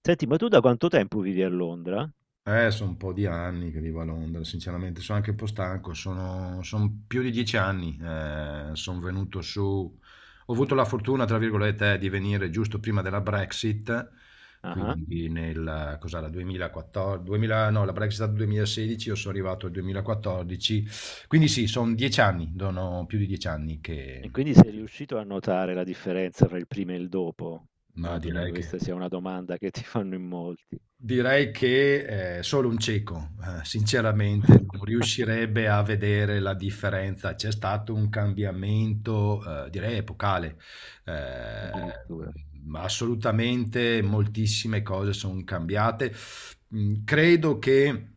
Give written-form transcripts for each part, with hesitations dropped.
Senti, ma tu da quanto tempo vivi a Londra? Sono un po' di anni che vivo a Londra, sinceramente sono anche un po' stanco, son più di 10 anni, sono venuto su, ho avuto la fortuna, tra virgolette, di venire giusto prima della Brexit, Ah-ah. quindi nel, cos'era, 2014, 2000, no, la Brexit è stata 2016, io sono arrivato nel 2014, quindi sì, sono 10 anni, sono più di 10 anni che, E quindi sei riuscito a notare la differenza fra il prima e il dopo? ma Immagino che direi che... questa sia una domanda che ti fanno in molti. Direi che, solo un cieco, sinceramente non riuscirebbe a vedere la differenza. C'è stato un cambiamento, direi epocale. Addirittura. Assolutamente moltissime cose son cambiate. Credo che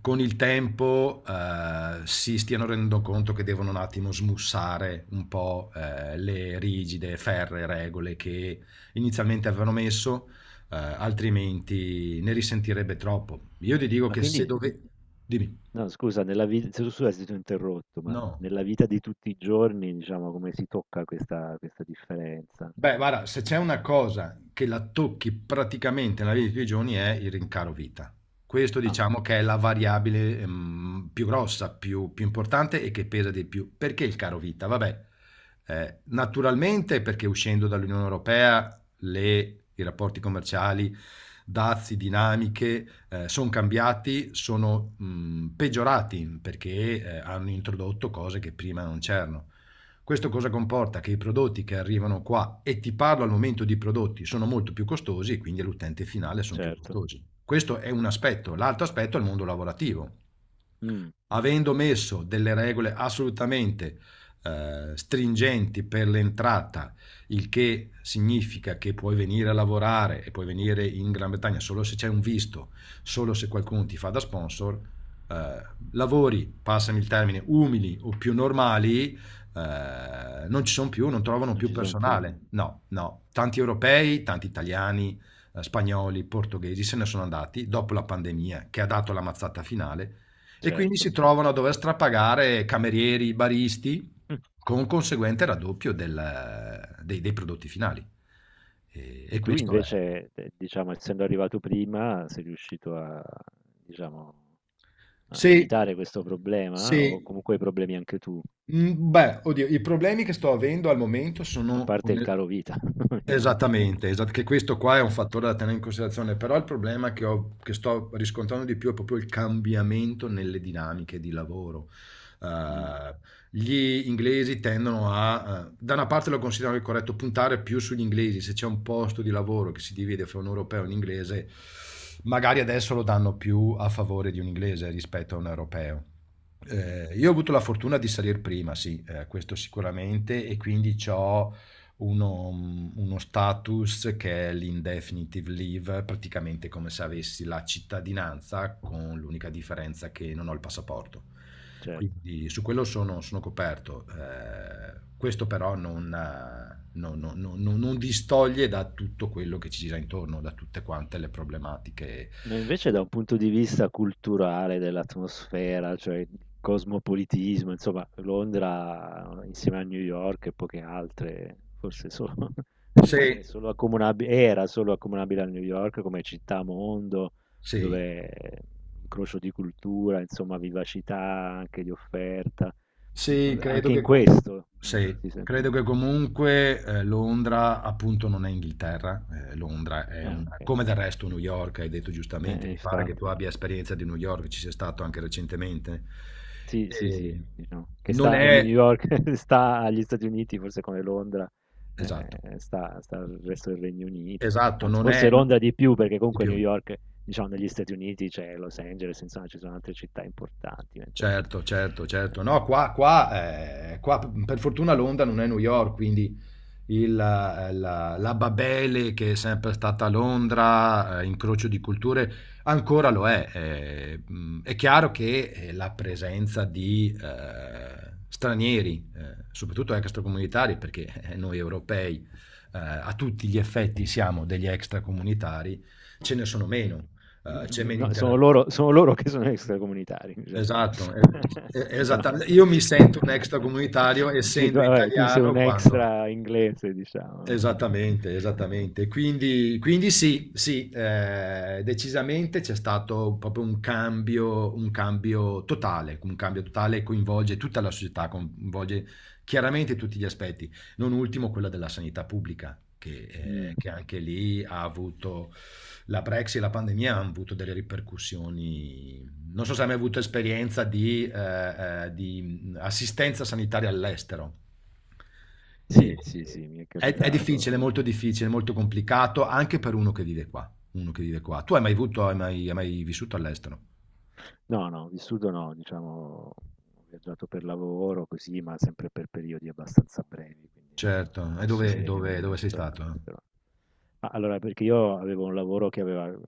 con il tempo, si stiano rendendo conto che devono un attimo smussare un po', le rigide, ferree regole che inizialmente avevano messo, altrimenti ne risentirebbe troppo. Io ti dico Ma che se quindi, dove... Dimmi. no, scusa, nella vita, scusa se ti ho interrotto, ma No. nella vita di tutti i giorni, diciamo, come si tocca questa differenza? Beh, guarda, se c'è una cosa che la tocchi praticamente nella vita di tutti i giorni è il rincaro vita. Questo Ah, diciamo che è la variabile più grossa, più importante e che pesa di più. Perché il caro vita? Vabbè, naturalmente perché uscendo dall'Unione Europea i rapporti commerciali, dazi, dinamiche sono cambiati, sono peggiorati perché hanno introdotto cose che prima non c'erano. Questo cosa comporta? Che i prodotti che arrivano qua, e ti parlo al momento di prodotti, sono molto più costosi e quindi all'utente finale sono più certo. costosi. Questo è un aspetto. L'altro aspetto è il mondo lavorativo. Mm, Avendo messo delle regole assolutamente stringenti per l'entrata, il che significa che puoi venire a lavorare e puoi venire in Gran Bretagna solo se c'è un visto, solo se qualcuno ti fa da sponsor, lavori, passami il termine, umili o più normali, non ci sono più, non trovano non più ci sono più, personale. No, no, tanti europei, tanti italiani, spagnoli, portoghesi se ne sono andati dopo la pandemia che ha dato la mazzata finale e quindi certo. si trovano a dover strapagare camerieri, baristi Mm. con conseguente raddoppio dei prodotti finali. E, E e tu questo è... invece, diciamo, essendo arrivato prima, sei riuscito a, diciamo, a Sì, evitare questo problema o sì. comunque hai problemi anche tu, Beh, oddio, i problemi che sto avendo al momento a sono, parte il caro vita, ovviamente. Esattamente, esat che questo qua è un eh, fattore da tenere in considerazione, però il problema che ho che sto riscontrando di più è proprio il cambiamento nelle dinamiche di lavoro. mm, Ehm, Gli inglesi tendono a da una parte lo considero anche corretto, puntare più sugli inglesi, se c'è un posto di lavoro che si divide fra un europeo e un inglese, magari adesso lo danno più a favore di un inglese rispetto a un europeo. mm, Io ho avuto la fortuna di salir prima, sì, questo sicuramente e quindi c'ho uno status che è l'Indefinite Leave, praticamente come se avessi la cittadinanza, con l'unica differenza che non ho il passaporto. certo. Quindi su quello sono coperto. Questo però non distoglie da tutto quello che ci gira intorno, da tutte quante le problematiche. Ma invece da un punto di vista culturale dell'atmosfera, cioè il cosmopolitismo, insomma, Londra insieme a New York e poche altre, forse solo, Sì, è solo accomunabile, era solo accomunabile a New York come città mondo, sì. dove incrocio di cultura, insomma, vivacità anche di offerta. Sì, credo Anche in che, com- questo? Ah, sì, si sen credo che comunque Londra appunto non è Inghilterra, Londra è eh un, okay. come del resto New York, hai detto Eh, giustamente, eh, mi pare che infatti. tu abbia esperienza di New York, ci sei stato anche recentemente. Sì, sì, sì, E diciamo che non sta di New è, York sta agli Stati Uniti, forse come Londra, esatto, sta al resto del Regno Unito. esatto, Anzi, non forse è, no, Londra di più, perché di comunque New più. York, diciamo negli Stati Uniti c'è Los Angeles, insomma ci sono altre città importanti, mentre Certo, certo, ehm certo. No, qua per fortuna Londra non è New York, quindi la Babele che è sempre stata a Londra, incrocio di culture, ancora lo è. È chiaro che la presenza di stranieri, soprattutto extracomunitari, perché noi europei a tutti gli effetti siamo degli extracomunitari, ce ne sono Mh. meno, c'è Di meno no, sono interazione. loro sono loro che sono extracomunitari in realtà. Esatto, Però esattamente. Io mi inso sento un extracomunitario dici tu, essendo vabbè, tu sei un italiano quando... extra inglese diciamo. Esattamente, esattamente. Quindi sì, sì, decisamente c'è stato proprio un cambio totale che coinvolge tutta la società, coinvolge chiaramente tutti gli aspetti, non ultimo quella della sanità pubblica, che, eh, Mh. che anche lì ha avuto la Brexit e la pandemia hanno avuto delle ripercussioni. Non so se hai mai avuto esperienza di assistenza sanitaria all'estero. E- Sì, sì, sì, mi è è capitato. Difficile, molto complicato anche per uno che vive qua. Uno che vive qua. Tu hai mai avuto, hai mai vissuto all'estero? No, no, vissuto no, diciamo, ho viaggiato per lavoro così, ma sempre per periodi abbastanza brevi, quindi non Certo. E posso dove, dire di aver dove- dove sei vissuto stato? Eh? all'estero. Ma allora, perché io avevo un lavoro che aveva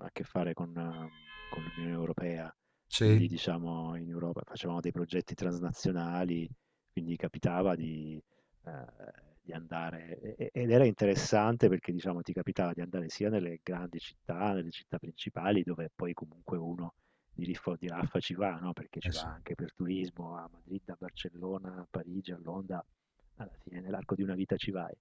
a che fare con l'Unione Europea, quindi Sì. diciamo in Europa facevamo dei progetti transnazionali, quindi capitava eh, di andare, ed era interessante perché diciamo ti capitava di andare sia nelle grandi città, nelle città principali, dove poi comunque uno di lì fu di là ci va, no, perché ci Eh va sì, anche per turismo a Madrid, a Barcellona, a Parigi, a Londra, alla fine nell'arco di una vita ci vai.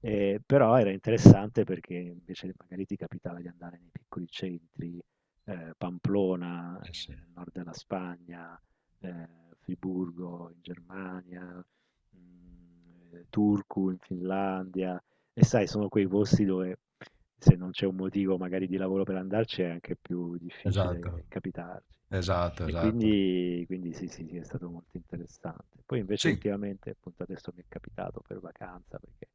Però era interessante perché invece magari ti capitava di andare nei piccoli centri, Pamplona, eh sì. Nel nord della Spagna, Friburgo in Germania, Turku in Finlandia, e sai, sono quei posti dove se non c'è un motivo magari di lavoro per andarci è anche più Esatto, difficile capitarci. esatto, E esatto. quindi, quindi sì, sì, sì, è stato molto interessante. Poi invece Sì. ultimamente, appunto adesso mi è capitato per vacanza, perché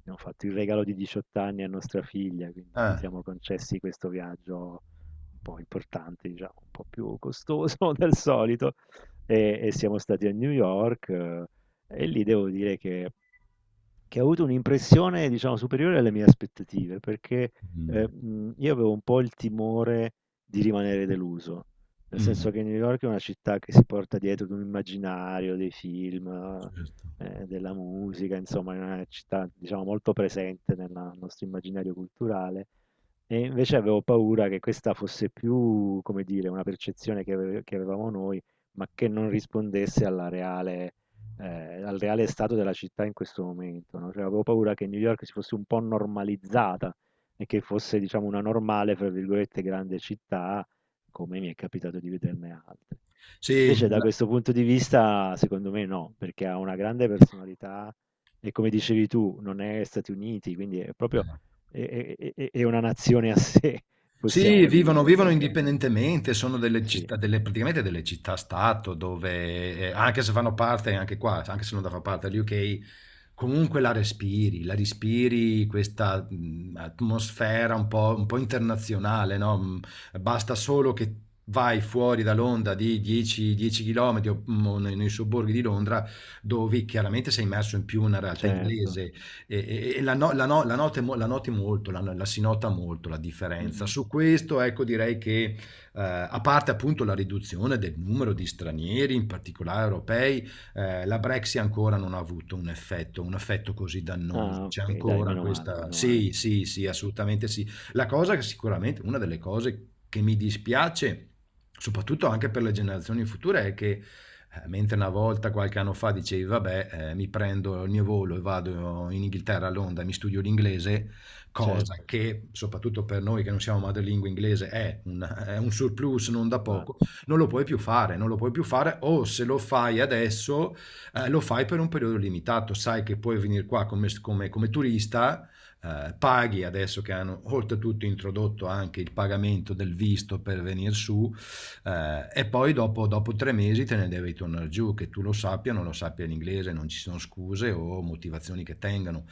abbiamo fatto il regalo di 18 anni a nostra figlia, quindi ci Eh. siamo concessi questo viaggio un po' importante, diciamo, un po' più costoso del solito, e siamo stati a New York, e lì devo dire che ha avuto un'impressione, diciamo, superiore alle mie aspettative, perché Mm. Io avevo un po' il timore di rimanere deluso, nel Mm. senso che New York è una città che si porta dietro di un immaginario, dei film, Certo. Della musica, insomma, è una città, diciamo, molto presente nel nostro immaginario culturale e invece avevo paura che questa fosse più, come dire, una percezione che avevamo noi, ma che non rispondesse al reale stato della città in questo momento, no? Cioè, avevo paura che New York si fosse un po' normalizzata e che fosse, diciamo, una normale, fra virgolette, grande città, come mi è capitato di vederne altre. Sì. Invece, da questo punto di vista, secondo me no, perché ha una grande personalità e, come dicevi tu, non è Stati Uniti, quindi è proprio Eh. è è una nazione a sé, Sì, possiamo vivono dire, vivono perché indipendentemente, sono delle sì, città delle praticamente delle città-stato dove, anche se fanno parte anche qua, anche se non da fa parte dell'UK, comunque la respiri questa, atmosfera un po' internazionale, no, basta solo che vai fuori da Londra di 10 chilometri o, o nei sobborghi di Londra, dove chiaramente sei immerso in più una realtà certo. inglese e la, no- la, no- la, note mo- la noti molto, la si nota molto la differenza. Mh-mh. Su questo, ecco, direi che a parte appunto la riduzione del numero di stranieri, in particolare europei, la Brexit ancora non ha avuto un effetto così dannoso. Ah, C'è okay, dai, ancora meno male, questa... meno male. Sì, sì, sì, Mh, assolutamente sì. La cosa che sicuramente, una delle cose che mi dispiace, soprattutto anche per le generazioni future, è che mentre una volta, qualche anno fa, dicevi, vabbè, mi prendo il mio volo e vado in Inghilterra, a Londra, e mi studio l'inglese, cosa certo, che, soprattutto per noi che non siamo madrelingua inglese, è un surplus non da poco, infatti. non lo puoi più fare, non lo puoi più fare, o se lo fai adesso, lo fai per un periodo limitato, sai che puoi venire qua come turista, paghi adesso che hanno oltretutto introdotto anche il pagamento del visto per venire su, e poi dopo, 3 mesi te ne devi tornare giù, che tu lo sappia, o non lo sappia l'inglese, non ci sono scuse o motivazioni che tengano.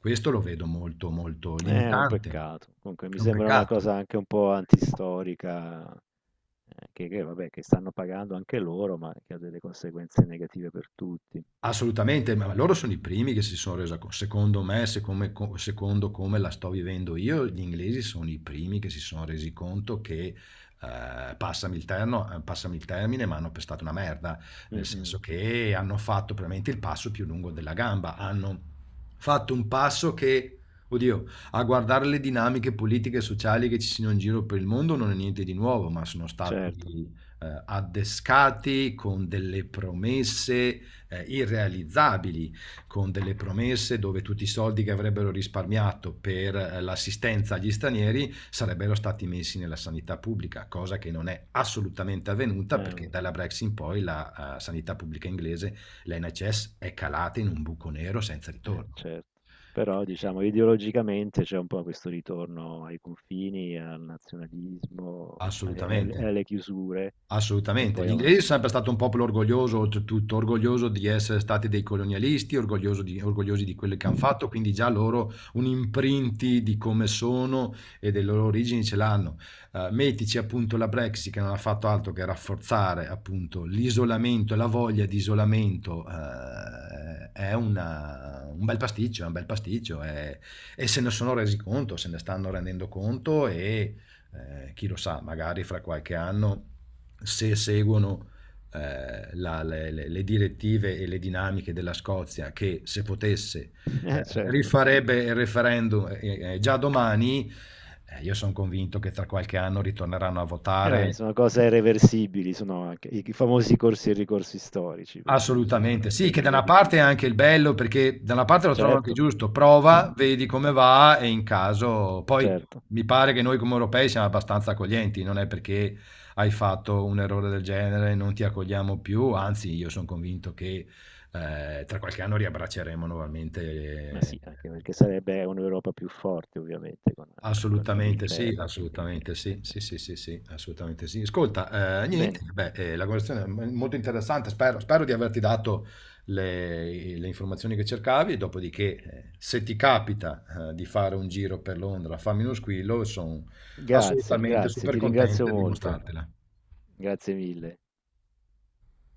Questo lo vedo molto, molto È un limitante. peccato. Comunque mi È un sembra una peccato. cosa anche un po' antistorica, che vabbè, che stanno pagando anche loro, ma che ha delle conseguenze negative per tutti. Assolutamente, ma loro sono i primi che si sono resi conto. Secondo come la sto vivendo io, gli inglesi sono i primi che si sono resi conto che, passami passami il termine, ma hanno pestato una merda, nel Mh-mh, senso che hanno fatto veramente il passo più lungo della gamba, hanno fatto un passo che, oddio, a guardare le dinamiche politiche e sociali che ci sono in giro per il mondo non è niente di nuovo, ma sono stati, certo. Addescati con delle promesse irrealizzabili, con delle promesse dove tutti i soldi che avrebbero risparmiato per l'assistenza agli stranieri sarebbero stati messi nella sanità pubblica, cosa che non è assolutamente avvenuta perché Eh, dalla Brexit in poi la sanità pubblica inglese, l'NHS, è calata in un buco nero senza Eh, ritorno. certo. Però diciamo ideologicamente c'è un po' questo ritorno ai confini, al nazionalismo, alle, alle- Assolutamente. alle chiusure, che Assolutamente. poi Gli inglesi sono avanzano. sempre stato un popolo orgoglioso, oltretutto orgoglioso di essere stati dei colonialisti, orgogliosi di quello che hanno fatto, quindi già loro un imprinti di come sono e delle loro origini ce l'hanno. Mettici appunto la Brexit che non ha fatto altro che rafforzare appunto l'isolamento, la voglia di isolamento, è un bel pasticcio, è un bel pasticcio e se ne sono resi conto, se ne stanno rendendo conto e chi lo sa, magari fra qualche anno se seguono le direttive e le dinamiche della Scozia, che se potesse certo. rifarebbe il referendum già domani, io sono convinto che tra qualche anno ritorneranno a Vabbè, votare. sono cose irreversibili, sono anche i famosi corsi e ricorsi storici, per cui sono Assolutamente, anche sì, che da una periodi. parte è anche il bello, perché da una parte lo trovo anche Certo, giusto, prova, vedi come va e in caso poi certo, mi pare che noi come europei siamo abbastanza accoglienti, non è perché hai fatto un errore del genere e non ti accogliamo più, anzi io sono convinto che tra qualche anno riabbracceremo ma nuovamente. sì, anche perché sarebbe un'Europa più forte, ovviamente, con l'Inghilterra, quindi. Assolutamente eh, sì, eh. sì, sì, sì, sì, assolutamente sì. Ascolta, niente, Bene, beh, la conversazione è molto interessante, spero di averti dato le informazioni che cercavi, dopodiché se ti capita di fare un giro per Londra, fammi uno squillo, sono grazie, assolutamente grazie, super ti ringrazio contento di molto, mostrartela. grazie mille.